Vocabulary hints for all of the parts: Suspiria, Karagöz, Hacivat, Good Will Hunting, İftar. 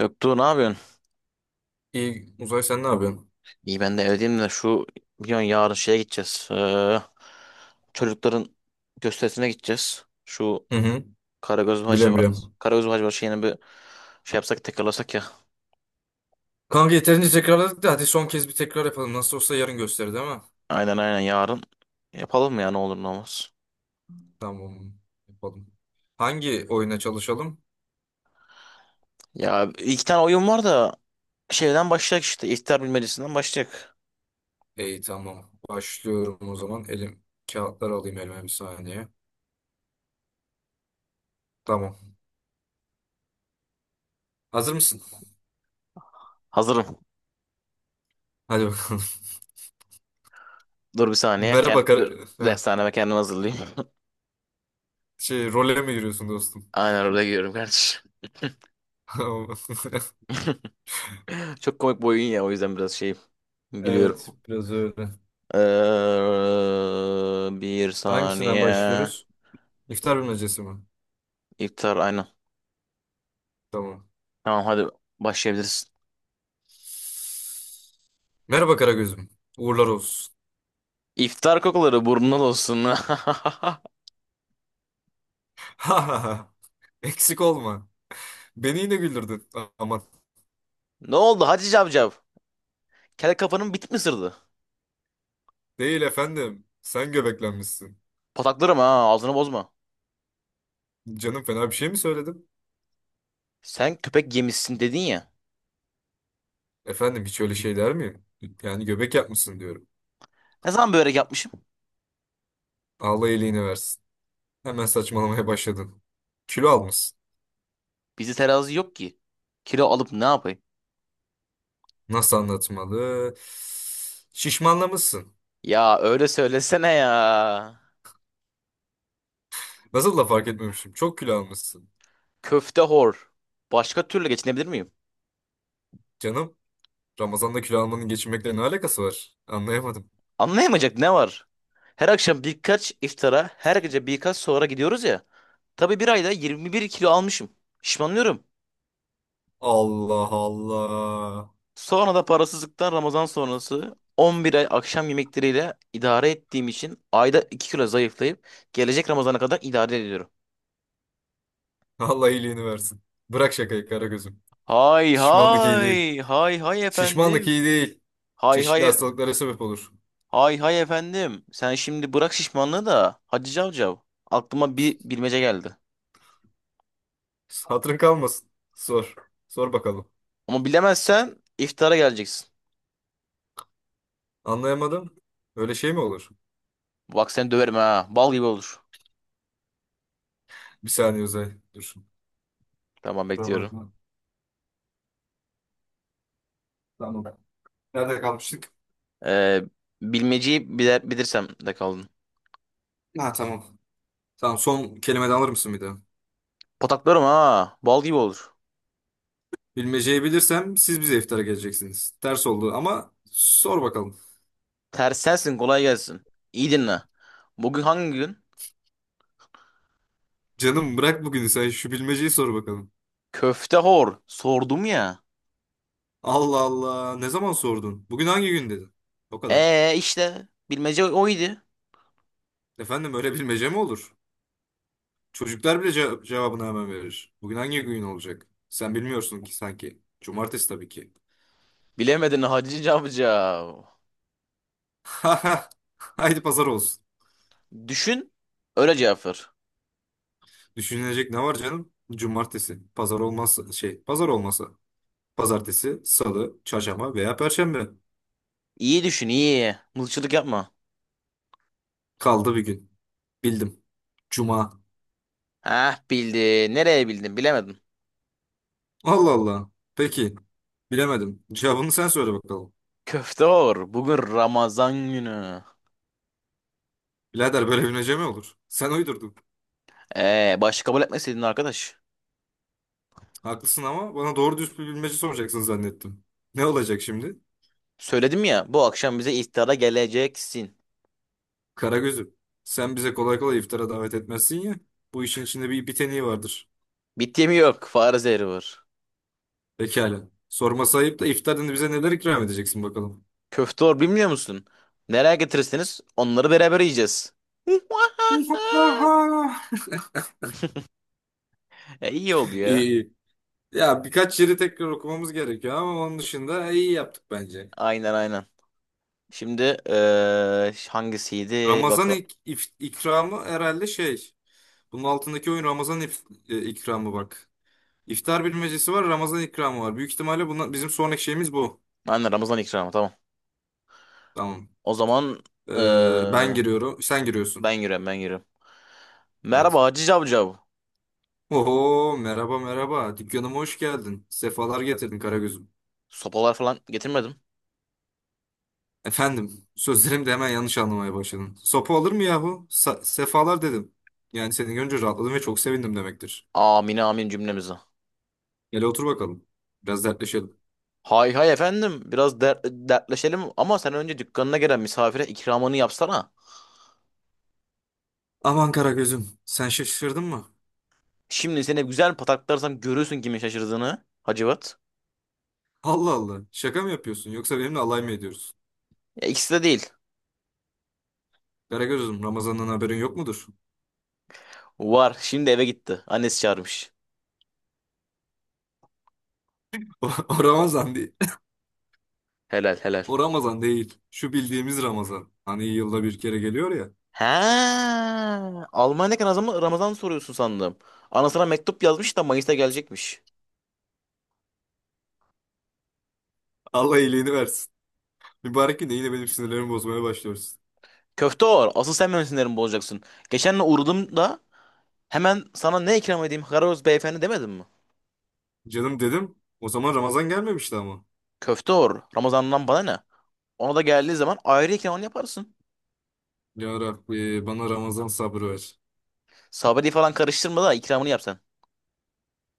Göktuğ ne yapıyorsun? İyi Uzay sen ne yapıyorsun? İyi ben de evdeyim de biliyorsun yarın şeye gideceğiz. Çocukların gösterisine gideceğiz. Şu Hı hı. Karagöz Biliyorum Hacivat, biliyorum. Karagöz Hacivat şeyini bir şey yapsak tekrarlasak ya. Kanka yeterince tekrarladık da hadi son kez bir tekrar yapalım. Nasıl olsa yarın gösterir değil mi? Aynen aynen yarın. Yapalım ya ne olur ne olmaz. Tamam. Yapalım. Hangi oyuna çalışalım? Ya iki tane oyun var da şeyden başlayacak işte. İhtar bilmecesinden başlayacak. İyi tamam. Başlıyorum o zaman. Elim kağıtları alayım elime bir saniye. Tamam. Hazır mısın? Hazırım. Hadi bakalım. Dur bir saniye. Kend Merhaba dur. Heh. Dershaneme kendimi hazırlayayım. Role mi giriyorsun dostum? Aynen orada giriyorum kardeşim. Çok komik bir oyun ya o yüzden biraz şeyim. Gülüyorum. Evet biraz öyle. Bir Hangisinden saniye. başlıyoruz? İftar bilmecesi mi? İftar aynen. Tamam. Tamam hadi başlayabilirsin. Merhaba Karagöz'üm. Uğurlar olsun. İftar kokuları burnuna dolsun. Ha ha ha. Eksik olma. Beni yine güldürdün. Aman. Ne oldu Hacı Cavcav? Kel kafanın bit mi sırdı? Değil efendim. Sen göbeklenmişsin. Pataklarım ha ağzını bozma. Canım fena bir şey mi söyledim? Sen köpek yemişsin dedin ya. Efendim hiç öyle şey der miyim? Yani göbek yapmışsın diyorum. Ne zaman börek yapmışım? Allah iyiliğini versin. Hemen saçmalamaya başladın. Kilo almışsın. Bizde terazi yok ki. Kilo alıp ne yapayım? Nasıl anlatmalı? Şişmanlamışsın. Ya öyle söylesene ya. Nasıl da fark etmemişim. Çok kilo almışsın. Köfte hor. Başka türlü geçinebilir miyim? Canım, Ramazan'da kilo almanın geçinmekle ne alakası var? Anlayamadım. Anlayamayacak ne var? Her akşam birkaç iftara, her gece birkaç sahura gidiyoruz ya. Tabii bir ayda 21 kilo almışım. Şişmanlıyorum. Allah Allah. Sonra da parasızlıktan Ramazan sonrası 11 ay akşam yemekleriyle idare ettiğim için ayda 2 kilo zayıflayıp gelecek Ramazan'a kadar idare ediyorum. Allah iyiliğini versin. Bırak şakayı Karagöz'üm. Hay Şişmanlık iyi değil. hay hay hay Şişmanlık iyi efendim. değil. Hay Çeşitli hay hastalıklara sebep olur. hay hay efendim. Sen şimdi bırak şişmanlığı da Hacı Cavcav. Aklıma bir bilmece geldi. Hatırın kalmasın. Sor. Sor bakalım. Ama bilemezsen iftara geleceksin. Anlayamadım. Öyle şey mi olur? Bak seni döverim ha. Bal gibi olur. Bir saniye Uzay. Dur. Tamam Kusura bekliyorum. bakma. Tamam. Nerede kalmıştık? Ee, bilmeceyi bile bilirsem de kaldım. Ha tamam. Tamam, son kelime de alır mısın bir daha? Pataklarım ha. Bal gibi olur. Bilmeceyi bilirsem siz bize iftara geleceksiniz. Ters oldu ama sor bakalım. Ters sensin kolay gelsin. İyi dinle. Bugün hangi gün? Canım bırak bugünü, sen şu bilmeceyi sor bakalım. Köfte hor. Sordum ya. Allah Allah, ne zaman sordun? Bugün hangi gün dedin? O kadar. İşte. Bilmece oydu. Efendim öyle bilmece mi olur? Çocuklar bile cevabını hemen verir. Bugün hangi gün olacak? Sen bilmiyorsun ki sanki. Cumartesi tabii ki. Bilemedin Hacı Cavcav. Haydi pazar olsun. Düşün. Öyle cevap ver. Düşünülecek ne var canım? Cumartesi. Pazar olmazsa şey, pazar olmasa. Pazartesi, salı, çarşamba veya perşembe. İyi düşün iyi. Mızıkçılık yapma. Kaldı bir gün. Bildim. Cuma. Heh bildin. Nereye bildin bilemedin. Allah Allah. Peki. Bilemedim. Cevabını sen söyle bakalım. Köfte hor. Bugün Ramazan günü. Birader böyle bilmece mi olur? Sen uydurdun. Başka kabul etmeseydin arkadaş. Haklısın ama bana doğru düz bir bilmece soracaksın zannettim. Ne olacak şimdi? Söyledim ya bu akşam bize iftara geleceksin. Karagöz'üm, sen bize kolay kolay iftara davet etmezsin ya. Bu işin içinde bir biteniği vardır. Bit yemi yok. Fare zehri var. Pekala. Sorması ayıp da iftarında bize neler ikram edeceksin bakalım. Köfte var bilmiyor musun? Nereye getirirseniz onları beraber yiyeceğiz. E, iyi oldu ya. İyi. Ya birkaç yeri tekrar okumamız gerekiyor ama onun dışında iyi yaptık bence. Aynen aynen. Şimdi hangisiydi? Bak Ramazan ikramı herhalde şey. Bunun altındaki oyun Ramazan ikramı bak. İftar bilmecesi var, Ramazan ikramı var. Büyük ihtimalle bunlar, bizim sonraki şeyimiz bu. aynen Ramazan ikramı tamam. Tamam. O zaman Ben eee, giriyorum. Sen ben giriyorsun. yürüyorum ben yürüyorum. Evet. Merhaba Hacı Cavcav. Oho merhaba merhaba. Dükkanıma hoş geldin. Sefalar getirdin Karagöz'üm. Sopalar falan getirmedim. Efendim sözlerimi de hemen yanlış anlamaya başladın. Sopa olur mu yahu? Sefalar dedim. Yani seni görünce rahatladım ve çok sevindim demektir. Amin amin cümlemize. Gel otur bakalım. Biraz dertleşelim. Hay hay efendim biraz dertleşelim ama sen önce dükkanına gelen misafire ikramını yapsana. Aman Karagöz'üm sen şaşırdın mı? Şimdi seni güzel pataklarsam görürsün kimin şaşırdığını Hacivat. Allah Allah, şaka mı yapıyorsun yoksa benimle alay mı ediyorsun? Ya ikisi de değil. Karagöz'üm Ramazan'dan haberin yok mudur? Var şimdi eve gitti. Annesi çağırmış. O Ramazan değil. Helal helal. O Ramazan değil. Şu bildiğimiz Ramazan. Hani yılda bir kere geliyor ya. He, Almanya Ramazan soruyorsun sandım. Anasına mektup yazmış da Mayıs'ta gelecekmiş. Allah iyiliğini versin. Mübarek gün de yine benim sinirlerimi bozmaya başlıyorsun. Köfte or. Asıl sen benim sinirimi bozacaksın. Geçenle uğradım da hemen sana ne ikram edeyim Karaoz beyefendi demedim mi? Canım dedim. O zaman Ramazan gelmemişti ama. Köfte or. Ramazan'dan bana ne? Ona da geldiği zaman ayrı ikramını yaparsın. Ya Rabbi bana Ramazan sabrı ver. Sabri falan karıştırma da ikramını yap sen.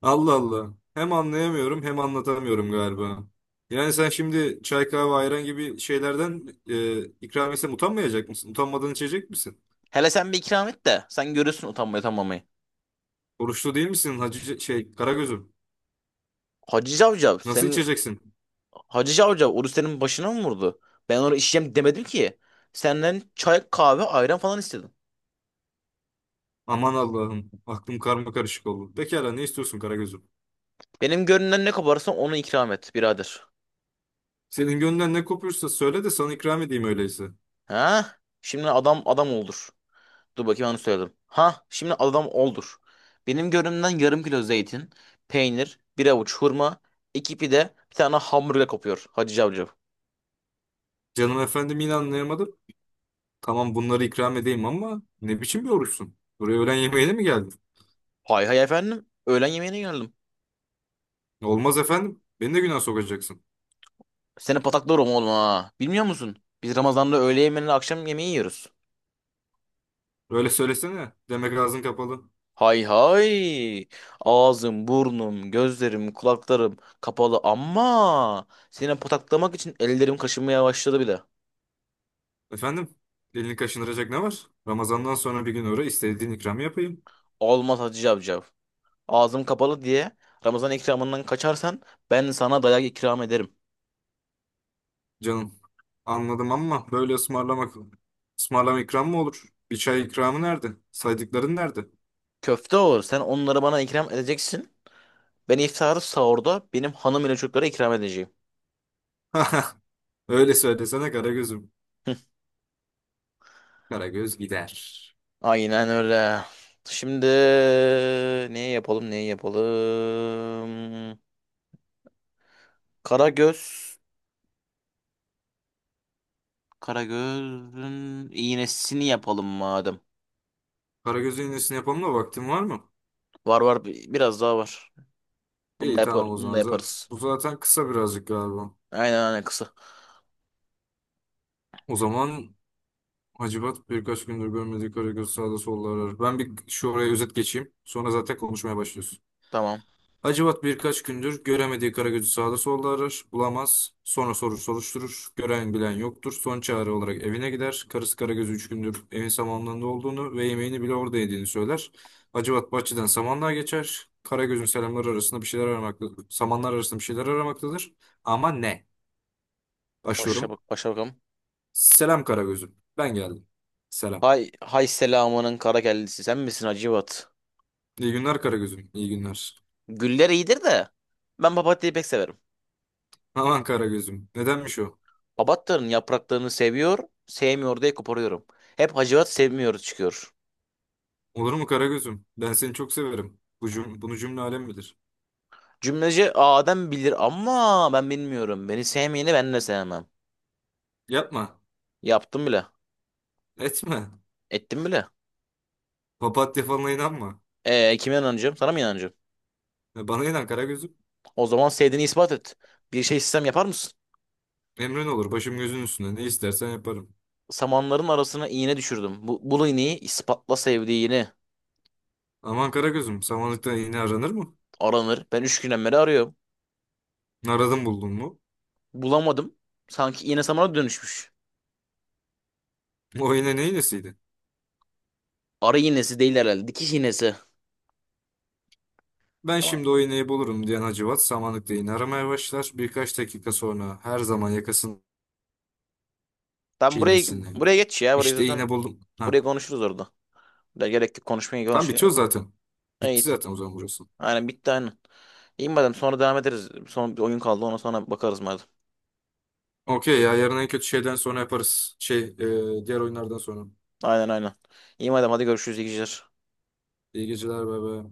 Allah Allah. Hem anlayamıyorum hem anlatamıyorum galiba. Yani sen şimdi çay kahve ayran gibi şeylerden ikram etsem utanmayacak mısın? Utanmadan içecek misin? Hele sen bir ikram et de sen görürsün utanmayı utanmamayı. Oruçlu değil misin hacı şey Karagöz'üm? Hacı Cavcav Nasıl senin içeceksin? Hacı Cavcav oruç senin başına mı vurdu? Ben onu içeceğim demedim ki. Senden çay kahve ayran falan istedim. Aman Allah'ım aklım karma karışık oldu. Pekala ne istiyorsun Karagöz'üm? Benim gönlümden ne koparsan onu ikram et birader. Senin gönlünden ne kopuyorsa söyle de sana ikram edeyim öyleyse. Ha? Şimdi adam oldur. Dur bakayım onu söyledim. Ha? Şimdi adam oldur. Benim gönlümden yarım kilo zeytin, peynir, bir avuç hurma, iki pide, bir tane hamburger kopuyor Hacı Cavcav. Canım efendim yine anlayamadım. Tamam bunları ikram edeyim ama ne biçim bir oruçsun? Buraya öğlen yemeğine mi geldin? Hay hay efendim. Öğlen yemeğine geldim. Olmaz efendim. Beni de günah sokacaksın. Seni pataklarım oğlum ha. Bilmiyor musun? Biz Ramazan'da öğle yemeğiyle akşam yemeği yiyoruz. Öyle söylesene. Demek ağzın kapalı. Hay hay. Ağzım, burnum, gözlerim, kulaklarım kapalı ama seni pataklamak için ellerim kaşınmaya başladı bile. Efendim, elini kaşındıracak ne var? Ramazandan sonra bir gün uğra istediğin ikramı yapayım. Olmaz Hacı Cavcav. Ağzım kapalı diye Ramazan ikramından kaçarsan ben sana dayak ikram ederim. Canım, anladım ama böyle ısmarlamak, ısmarlama ikram mı olur? Bir çay ikramı nerede? Saydıkların nerede? Köfte olur. Sen onları bana ikram edeceksin. Ben iftarı sahurda benim hanım ile çocuklara ikram edeceğim. Öyle söylesene Karagöz'üm. Karagöz gider. Aynen öyle. Şimdi neyi yapalım neyi yapalım? Karagöz. Karagöz'ün iğnesini yapalım madem. Karagöz'ün iğnesini yapalım da vaktin var mı? Var var biraz daha var. Bunu da İyi yapar, tamam o bunu da zaman. Yaparız. Bu zaten kısa birazcık galiba. Aynen aynen kısa. O zaman Hacivat birkaç gündür görmediği Karagöz sağda solda arar. Ben bir şu oraya özet geçeyim. Sonra zaten konuşmaya başlıyorsun. Tamam. Hacivat birkaç gündür göremediği Karagöz'ü sağda solda arar. Bulamaz. Sonra sorur soruşturur. Gören bilen yoktur. Son çare olarak evine gider. Karısı Karagöz'ü üç gündür evin samanlığında olduğunu ve yemeğini bile orada yediğini söyler. Hacivat bahçeden samanlığa geçer. Karagöz'ün selamları arasında bir şeyler aramaktadır. Samanlar arasında bir şeyler aramaktadır. Ama ne? Başla bak Başlıyorum. başa bakalım. Selam Karagöz'üm. Ben geldim. Selam. Hay hay selamının kara kellesi sen misin Hacivat? İyi günler Karagözüm. İyi günler. Güller iyidir de ben papatyayı pek severim. Aman Karagözüm. Nedenmiş o? Papatyanın yapraklarını seviyor, sevmiyor diye koparıyorum. Hep Hacivat sevmiyor çıkıyor. Olur mu Karagözüm? Ben seni çok severim. Bu bunu cümle alem bilir. Cümleci Adem bilir ama ben bilmiyorum. Beni sevmeyeni ben de sevmem. Yapma. Yaptım bile. Etme. Ettim bile. Papatya falına inanma. Kime inanacağım? Sana mı inanacağım? Ya, bana inan Karagözüm. O zaman sevdiğini ispat et. Bir şey sistem yapar mısın? Emrin olur. Başım gözün üstünde. Ne istersen yaparım. Samanların arasına iğne düşürdüm. Bul iğneyi ispatla sevdiğini. Aman Karagözüm. Samanlıkta iğne aranır mı? Aranır. Ben üç günden beri arıyorum. Aradın buldun mu? Bulamadım. Sanki iğne samana dönüşmüş. O iğne ne iğnesiydi? Arı iğnesi değil herhalde. Dikiş iğnesi. Ben Ama şimdi o iğneyi bulurum diyen Hacivat samanlıkta iğne aramaya başlar. Birkaç dakika sonra her zaman yakasını ben buraya çiğnesin. buraya geç ya. Burayı İşte zaten iğne buldum. Ha. buraya konuşuruz orada. Ya gerek yok konuşmaya Tam konuşmaya. bitiyor zaten. Bitti Evet. zaten o zaman burası. Aynen bitti aynen. İyi madem sonra devam ederiz. Son bir oyun kaldı ona sonra bakarız madem. Okey ya, yarın en kötü şeyden sonra yaparız. Diğer oyunlardan sonra. Aynen aynen. İyi madem hadi görüşürüz iyi geceler. İyi geceler bebe.